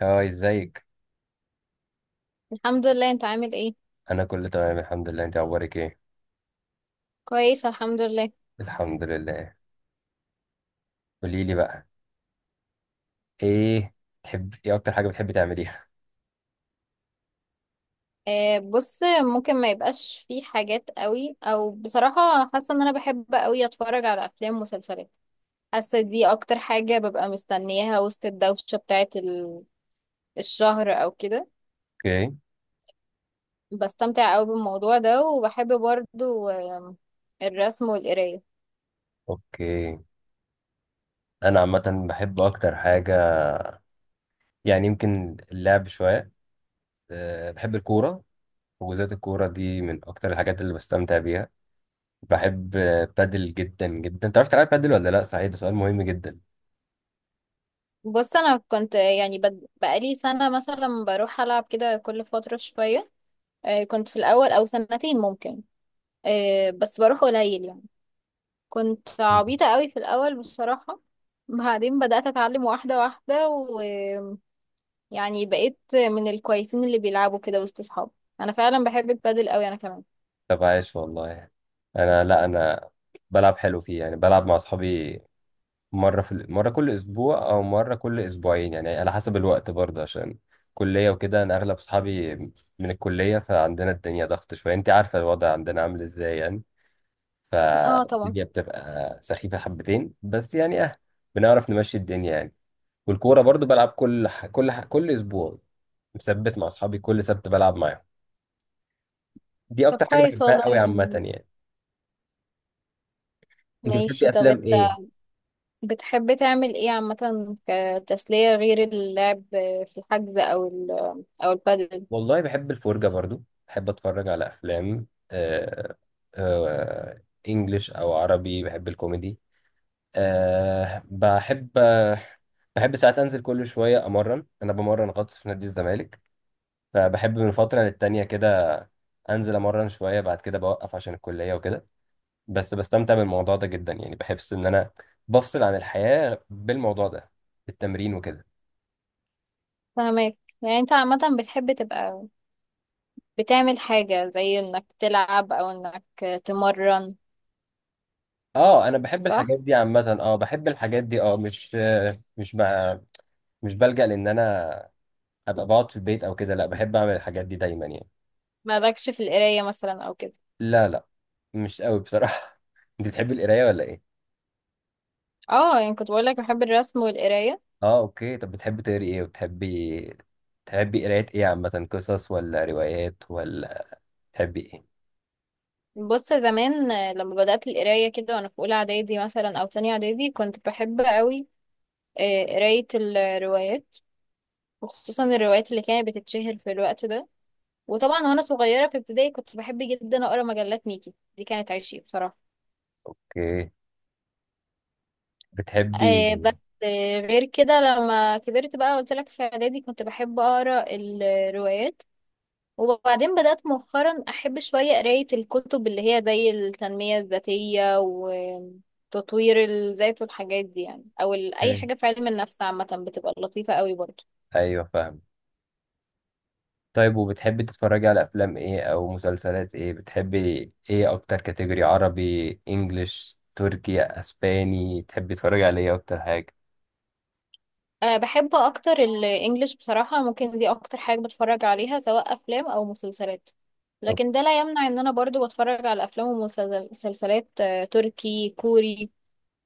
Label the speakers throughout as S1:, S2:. S1: هاي، ازيك؟
S2: الحمد لله. انت عامل ايه؟
S1: انا كله تمام الحمد لله. انت اخبارك ايه؟
S2: كويس الحمد لله.
S1: الحمد لله. قولي لي بقى. ايه؟ تحب ايه؟ اكتر حاجه بتحبي تعمليها؟
S2: آه بص، ممكن ما يبقاش في حاجات قوي او بصراحة حاسة ان انا بحب قوي اتفرج على افلام ومسلسلات. حاسة دي اكتر حاجة ببقى مستنياها وسط الدوشة بتاعة الشهر او كده.
S1: اوكي.
S2: بستمتع قوي بالموضوع ده وبحب برضو الرسم والقراية.
S1: اوكي. انا عامه بحب اكتر حاجه، يعني يمكن اللعب شويه. أه، بحب الكوره، وبالذات الكوره دي من اكتر الحاجات اللي بستمتع بيها. بحب بادل جدا جدا. تعرف تلعب بادل ولا لا؟ صحيح، ده سؤال مهم جدا.
S2: بص انا كنت بقالي سنة مثلا بروح العب كده كل فترة شوية. آه كنت في الاول او سنتين ممكن. بس بروح قليل يعني. كنت
S1: مم.
S2: عبيطة قوي في الأول بصراحة. بعدين بدأت أتعلم واحدة واحدة ويعني بقيت من الكويسين اللي بيلعبوا كده وسط صحابي. أنا فعلا بحب البادل قوي أنا كمان.
S1: طب عايش والله. انا، لا، انا بلعب حلو فيه، يعني بلعب مع اصحابي مرة مرة كل أسبوع أو مرة كل أسبوعين، يعني على حسب الوقت برضه، عشان كلية وكده. أنا أغلب صحابي من الكلية، فعندنا الدنيا ضغط شوية. أنت عارفة الوضع عندنا عامل إزاي يعني.
S2: اه طبعا.
S1: فالدنيا بتبقى سخيفة حبتين، بس يعني أه، بنعرف نمشي الدنيا يعني. والكورة برضه بلعب كل أسبوع، مثبت مع أصحابي. كل سبت بلعب معاهم، دي
S2: طب
S1: أكتر حاجة
S2: كويس
S1: بحبها
S2: والله
S1: قوي عامة
S2: يعني.
S1: يعني. أنت بتحبي
S2: ماشي، طب
S1: أفلام
S2: أنت
S1: إيه؟
S2: بتحب تعمل ايه عامة؟ كتسلية غير اللعب في الحجز أو أو البادل؟
S1: والله بحب الفرجة برضو، بحب اتفرج على افلام آه، انجليش او عربي، بحب الكوميدي. آه، بحب بحب ساعات انزل كل شوية امرن. انا بمرن غطس في نادي الزمالك، فبحب من فترة للتانية كده انزل امرن شوية، بعد كده بوقف عشان الكلية وكده. بس بستمتع بالموضوع ده جدا، يعني بحس ان انا بفصل عن الحياة بالموضوع ده، بالتمرين وكده.
S2: فهمك، يعني أنت عامة بتحب تبقى بتعمل حاجة زي إنك تلعب أو إنك تمرن،
S1: اه، انا بحب
S2: صح؟
S1: الحاجات دي عامة، اه بحب الحاجات دي، اه مش بقى، مش بلجأ لان انا ابقى بقعد في البيت او كده. لا، بحب اعمل الحاجات دي دايما يعني.
S2: مالكش في القراية مثلا أو كده؟
S1: لا، لا، مش قوي بصراحة. انت بتحبي القراية ولا ايه؟
S2: اه يعني كنت بقول لك بحب الرسم والقرايه.
S1: اه، اوكي. طب بتحبي تقري ايه؟ وبتحبي، قراية ايه عامة؟ قصص ولا روايات ولا تحبي ايه؟
S2: بص زمان لما بدات القرايه كده وانا في اولى اعدادي مثلا او تانية اعدادي كنت بحب قوي قرايه الروايات، وخصوصا الروايات اللي كانت بتتشهر في الوقت ده. وطبعا وانا صغيره في ابتدائي كنت بحب جدا اقرا مجلات ميكي، دي كانت عشقي بصراحه.
S1: اوكي. بتحبي
S2: آه، بس آه، غير كده لما كبرت بقى قلت لك في اعدادي كنت بحب اقرا الروايات. وبعدين بدأت مؤخرا أحب شوية قراية الكتب اللي هي زي التنمية الذاتية وتطوير الذات والحاجات دي، يعني أو أي
S1: اوكي.
S2: حاجة في علم النفس عامة بتبقى لطيفة قوي برضه.
S1: ايوه، فاهم. طيب وبتحبي تتفرجي على افلام ايه او مسلسلات ايه؟ بتحبي ايه اكتر؟ كاتيجوري عربي، انجليش، تركي، اسباني، تحبي تتفرجي على ايه اكتر حاجة؟
S2: أه بحب أكتر الإنجليش بصراحة، ممكن دي أكتر حاجة بتفرج عليها سواء أفلام أو مسلسلات.
S1: أوك.
S2: لكن ده لا يمنع إن أنا برضه بتفرج على أفلام ومسلسلات تركي، كوري،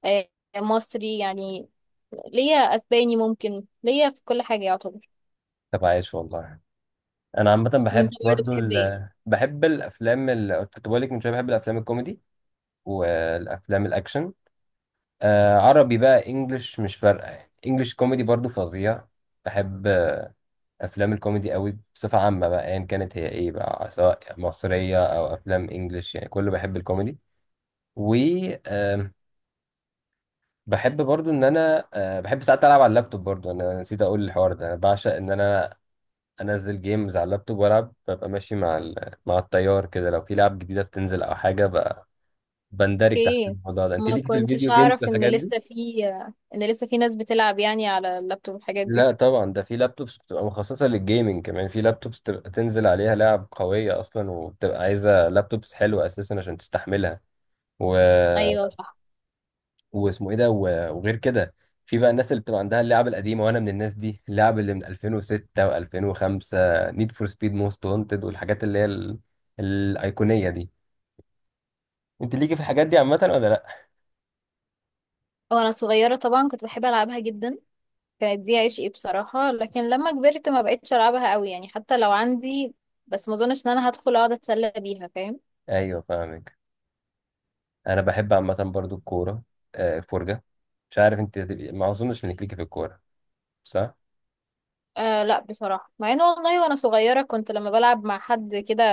S2: آه، مصري يعني. ليا أسباني، ممكن ليا في كل حاجة يعتبر.
S1: طب عايش والله. انا عامه
S2: انت
S1: بحب
S2: برضه
S1: برضو
S2: بتحب ايه؟
S1: بحب الافلام كنت بقول لك من شويه، بحب الافلام الكوميدي والافلام الاكشن. آه، عربي بقى، انجلش، مش فارقه يعني. انجلش كوميدي برضو فظيع. بحب افلام الكوميدي قوي بصفه عامه بقى، ايا يعني كانت هي ايه بقى، سواء مصريه او افلام انجلش، يعني كله بحب الكوميدي. و آم، بحب برضو ان انا بحب ساعات العب على اللابتوب برضو. انا نسيت اقول الحوار ده، انا بعشق ان انا انزل جيمز على اللابتوب والعب، ببقى ماشي مع التيار كده، لو في لعب جديده بتنزل او حاجه بندرج تحت
S2: اوكي،
S1: الموضوع ده. انت
S2: ما
S1: ليك في
S2: كنتش
S1: الفيديو جيمز
S2: اعرف ان
S1: والحاجات دي؟
S2: لسه في ان لسه في ناس بتلعب يعني على اللابتوب والحاجات دي.
S1: لا طبعا، ده في لابتوبس بتبقى مخصصه للجيمنج، كمان في لابتوبس بتبقى تنزل عليها لعب قويه اصلا، وبتبقى عايزه لابتوبس حلوه اساسا عشان تستحملها و...
S2: ايوه صح.
S1: واسمه ايه ده وغير كده، في بقى الناس اللي بتبقى عندها اللعب القديمه، وانا من الناس دي. اللعب اللي من 2006 و2005، نيد فور سبيد موست وانتد، والحاجات اللي هي الايقونيه دي. انت ليكي في الحاجات دي عامه ولا لا؟
S2: وانا صغيره طبعا كنت بحب العبها جدا، كانت دي عشقي بصراحه. لكن لما كبرت ما بقتش العبها قوي يعني حتى لو عندي. بس ما اظنش ان انا هدخل اقعد اتسلى بيها، فاهم؟
S1: ايوه، فاهمك. انا بحب عامه برضو الكوره، فرجه. مش عارف انت هتبقي، ما اظنش انك ليكي في الكوره، صح؟
S2: آه لا بصراحه، مع ان والله وانا صغيره كنت لما بلعب مع حد كده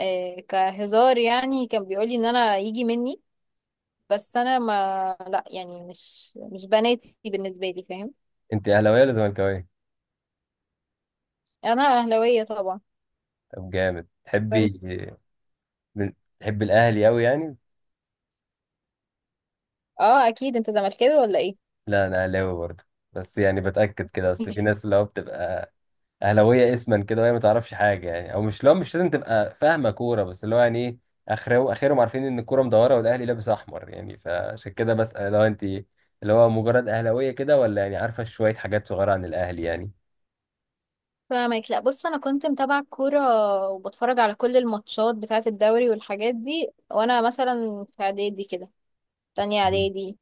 S2: آه كهزار يعني كان بيقولي ان انا يجي مني، بس انا ما لا يعني مش بناتي بالنسبه لي، فاهم؟
S1: انت اهلاويه ولا زملكاويه؟
S2: انا اهلاويه طبعا.
S1: طب جامد.
S2: وانت؟
S1: من- تحبي الاهلي قوي يعني.
S2: اه اكيد. انت زملكاوي ولا ايه؟
S1: لا، انا اهلاوي برضو، بس يعني بتاكد كده، اصل في ناس اللي هو بتبقى اهلاويه اسما كده، وهي ما تعرفش حاجه يعني، او مش، لو مش لازم تبقى فاهمه كوره، بس اللي هو يعني ايه، اخرهم عارفين ان الكوره مدوره والاهلي لابس احمر يعني، فعشان كده بسال لو انت اللي هو مجرد اهلاويه كده، ولا يعني عارفه شويه حاجات صغيره عن الاهلي يعني.
S2: فاهمك. لا بص، انا كنت متابعه الكوره وبتفرج على كل الماتشات بتاعه الدوري والحاجات دي وانا مثلا في اعدادي كده، تانية
S1: مم.
S2: اعدادي،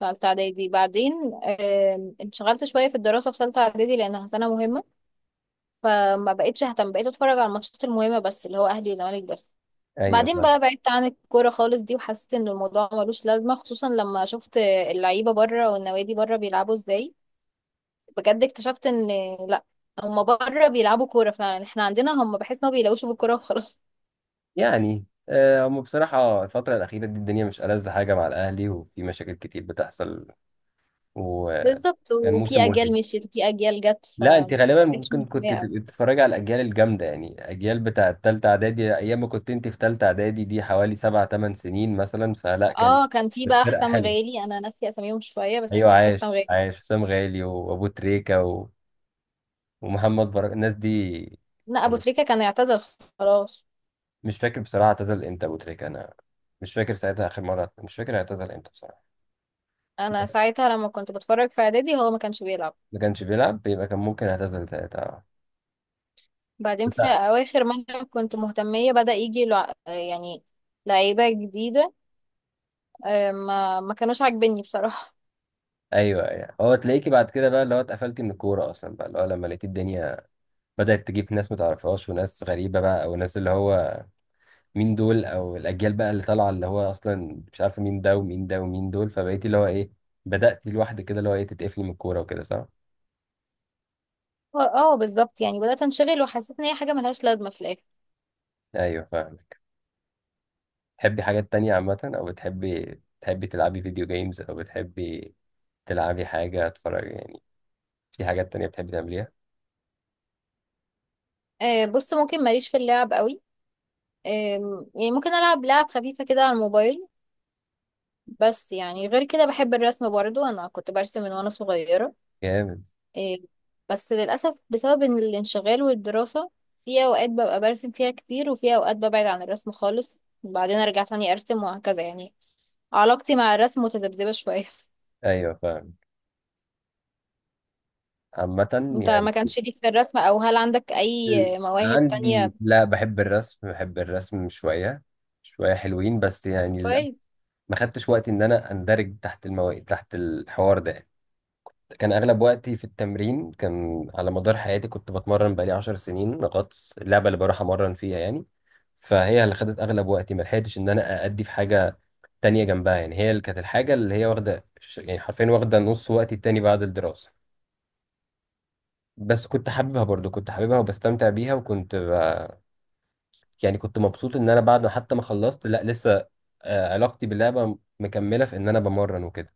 S2: تالتة اعدادي. بعدين انشغلت شويه في الدراسه في تالتة اعدادي لانها سنه مهمه، فما بقتش اهتم. بقيت اتفرج على الماتشات المهمه بس اللي هو اهلي وزمالك بس.
S1: ايوه،
S2: بعدين
S1: فاهم.
S2: بقى بعدت عن الكوره خالص دي، وحسيت ان الموضوع ملوش لازمه، خصوصا لما شفت اللعيبه بره والنوادي بره بيلعبوا ازاي. بجد اكتشفت ان لا، هما بره بيلعبوا كورة فعلا، احنا عندنا هما بحس ان هما بيلعبوش بالكورة وخلاص.
S1: يعني هم بصراحه الفتره الاخيره دي الدنيا مش ألذ حاجه مع الاهلي، وفي مشاكل كتير بتحصل، وكان
S2: بالظبط، وفي
S1: موسم وحش.
S2: اجيال مشيت وفي اجيال جت ف
S1: لا، انت غالبا
S2: مبقتش
S1: ممكن كنت
S2: متضايقة أوي.
S1: تتفرج على الاجيال الجامده، يعني اجيال بتاع التالتة اعدادي، ايام ما كنت انت في تالتة اعدادي، دي حوالي 7 أو 8 سنين مثلا، فلا كان
S2: اه كان في
S1: كانت
S2: بقى
S1: فرقه
S2: حسام
S1: حلوه.
S2: غالي، انا ناسيه اساميهم شوية بس
S1: ايوه،
S2: كان في حسام
S1: عاش
S2: غالي.
S1: عاش حسام غالي وابو تريكه ومحمد بركه، الناس دي
S2: لا ابو
S1: يعني.
S2: تريكة كان يعتزل خلاص.
S1: مش فاكر بصراحه اعتزل امتى ابو تريكه. انا مش فاكر ساعتها اخر مره، مش فاكر اعتزل امتى بصراحه.
S2: انا
S1: بس
S2: ساعتها لما كنت بتفرج في اعدادي هو ما كانش بيلعب.
S1: ما كانش بيلعب، يبقى كان ممكن اعتزل ساعتها.
S2: بعدين
S1: بس،
S2: في اواخر ما أنا كنت مهتمية بدأ يجي لعيبة جديدة. ما كانوش عاجبني بصراحة.
S1: ايوه، ايوه. هو تلاقيكي بعد كده بقى اللي هو اتقفلتي من الكوره اصلا بقى، اللي هو لما لقيتي الدنيا بدأت تجيب ناس متعرفهاش وناس غريبة بقى، أو ناس اللي هو مين دول، أو الأجيال بقى اللي طالعة اللي هو أصلا مش عارفة مين ده ومين ده ومين دول، فبقيتي اللي هو إيه، بدأتي لوحدك كده اللي هو إيه، تتقفلي من الكورة وكده، صح؟
S2: اه بالظبط، يعني بدأت انشغل وحسيت ان هي حاجة ملهاش لازمة في الآخر.
S1: أيوه، فاهمك. تحبي حاجات تانية عامة؟ أو بتحبي، تلعبي فيديو جيمز؟ أو بتحبي تلعبي حاجة، تتفرجي يعني؟ في حاجات تانية بتحبي تعمليها؟
S2: آه بص، ممكن ماليش في اللعب قوي. يعني ممكن ألعب لعب خفيفة كده على الموبايل. بس يعني غير كده بحب الرسم برضو، أنا كنت برسم من وأنا صغيرة.
S1: جامد.
S2: آه بس للأسف بسبب إن الانشغال والدراسة في أوقات ببقى برسم فيها كتير، وفي أوقات ببعد عن الرسم خالص وبعدين أرجع تاني أرسم وهكذا يعني. علاقتي مع الرسم متذبذبة شوية.
S1: أيوه، فاهم. عامة
S2: انت
S1: يعني
S2: ما كانش ليك في الرسم، او هل عندك اي
S1: ال-
S2: مواهب
S1: عندي،
S2: تانية
S1: لا بحب الرسم شوية شوية، حلوين بس يعني.
S2: بتقال؟
S1: ما خدتش وقتي ان انا اندرج تحت المواقف، تحت الحوار ده. كان اغلب وقتي في التمرين، كان على مدار حياتي كنت بتمرن. بقالي 10 سنين غطس، اللعبه اللي بروح امرن فيها يعني، فهي اللي خدت اغلب وقتي. ما لحقتش ان انا ادي في حاجه تانية جنبها يعني، هي اللي كانت الحاجه اللي هي واخده يعني حرفيا واخده نص وقتي التاني بعد الدراسه. بس كنت حاببها برضو، كنت حاببها وبستمتع بيها، وكنت يعني كنت مبسوط ان انا بعد ما حتى ما خلصت، لا لسه علاقتي باللعبه مكمله، في ان انا بمرن وكده.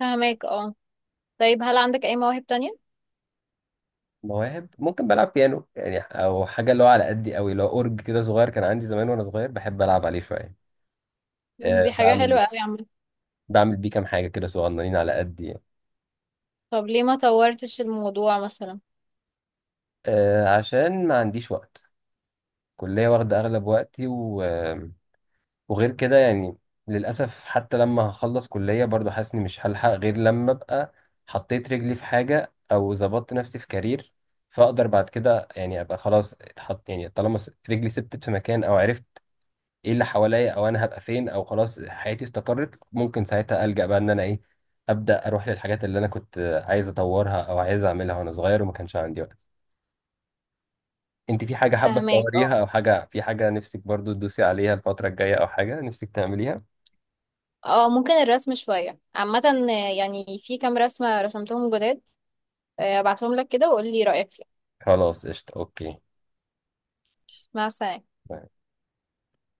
S2: فهماك اه. طيب هل عندك أي مواهب تانية؟
S1: مواهب ممكن بلعب بيانو يعني، او حاجه اللي هو على قدي قوي، اللي هو اورج كده صغير كان عندي زمان وانا صغير، بحب العب عليه شويه. أه،
S2: دي حاجة
S1: بعمل
S2: حلوة أوي عامة.
S1: بعمل بيه كام حاجه كده صغننين، على قدي يعني.
S2: طب ليه ما طورتش الموضوع مثلا؟
S1: أه عشان ما عنديش وقت. كليه واخده اغلب وقتي وغير كده يعني، للاسف حتى لما هخلص كليه برضو حاسس اني مش هلحق، غير لما ابقى حطيت رجلي في حاجه، او ظبطت نفسي في كارير، فاقدر بعد كده يعني ابقى خلاص اتحط، يعني طالما رجلي ثبتت في مكان، او عرفت ايه اللي حواليا، او انا هبقى فين، او خلاص حياتي استقرت، ممكن ساعتها ألجأ بقى ان انا ايه، ابدا اروح للحاجات اللي انا كنت عايز اطورها او عايز اعملها وانا صغير وما كانش عندي وقت. انت في حاجه حابه
S2: فهماك اه.
S1: تطوريها؟ او حاجه، في حاجه نفسك برضو تدوسي عليها الفتره الجايه، او حاجه نفسك تعمليها؟
S2: اه ممكن الرسم شوية عامة. يعني في كام رسمة رسمتهم جداد، ابعتهم لك كده وقولي رأيك فيهم.
S1: خلاص، قشطه، اوكي.
S2: مع السلامة.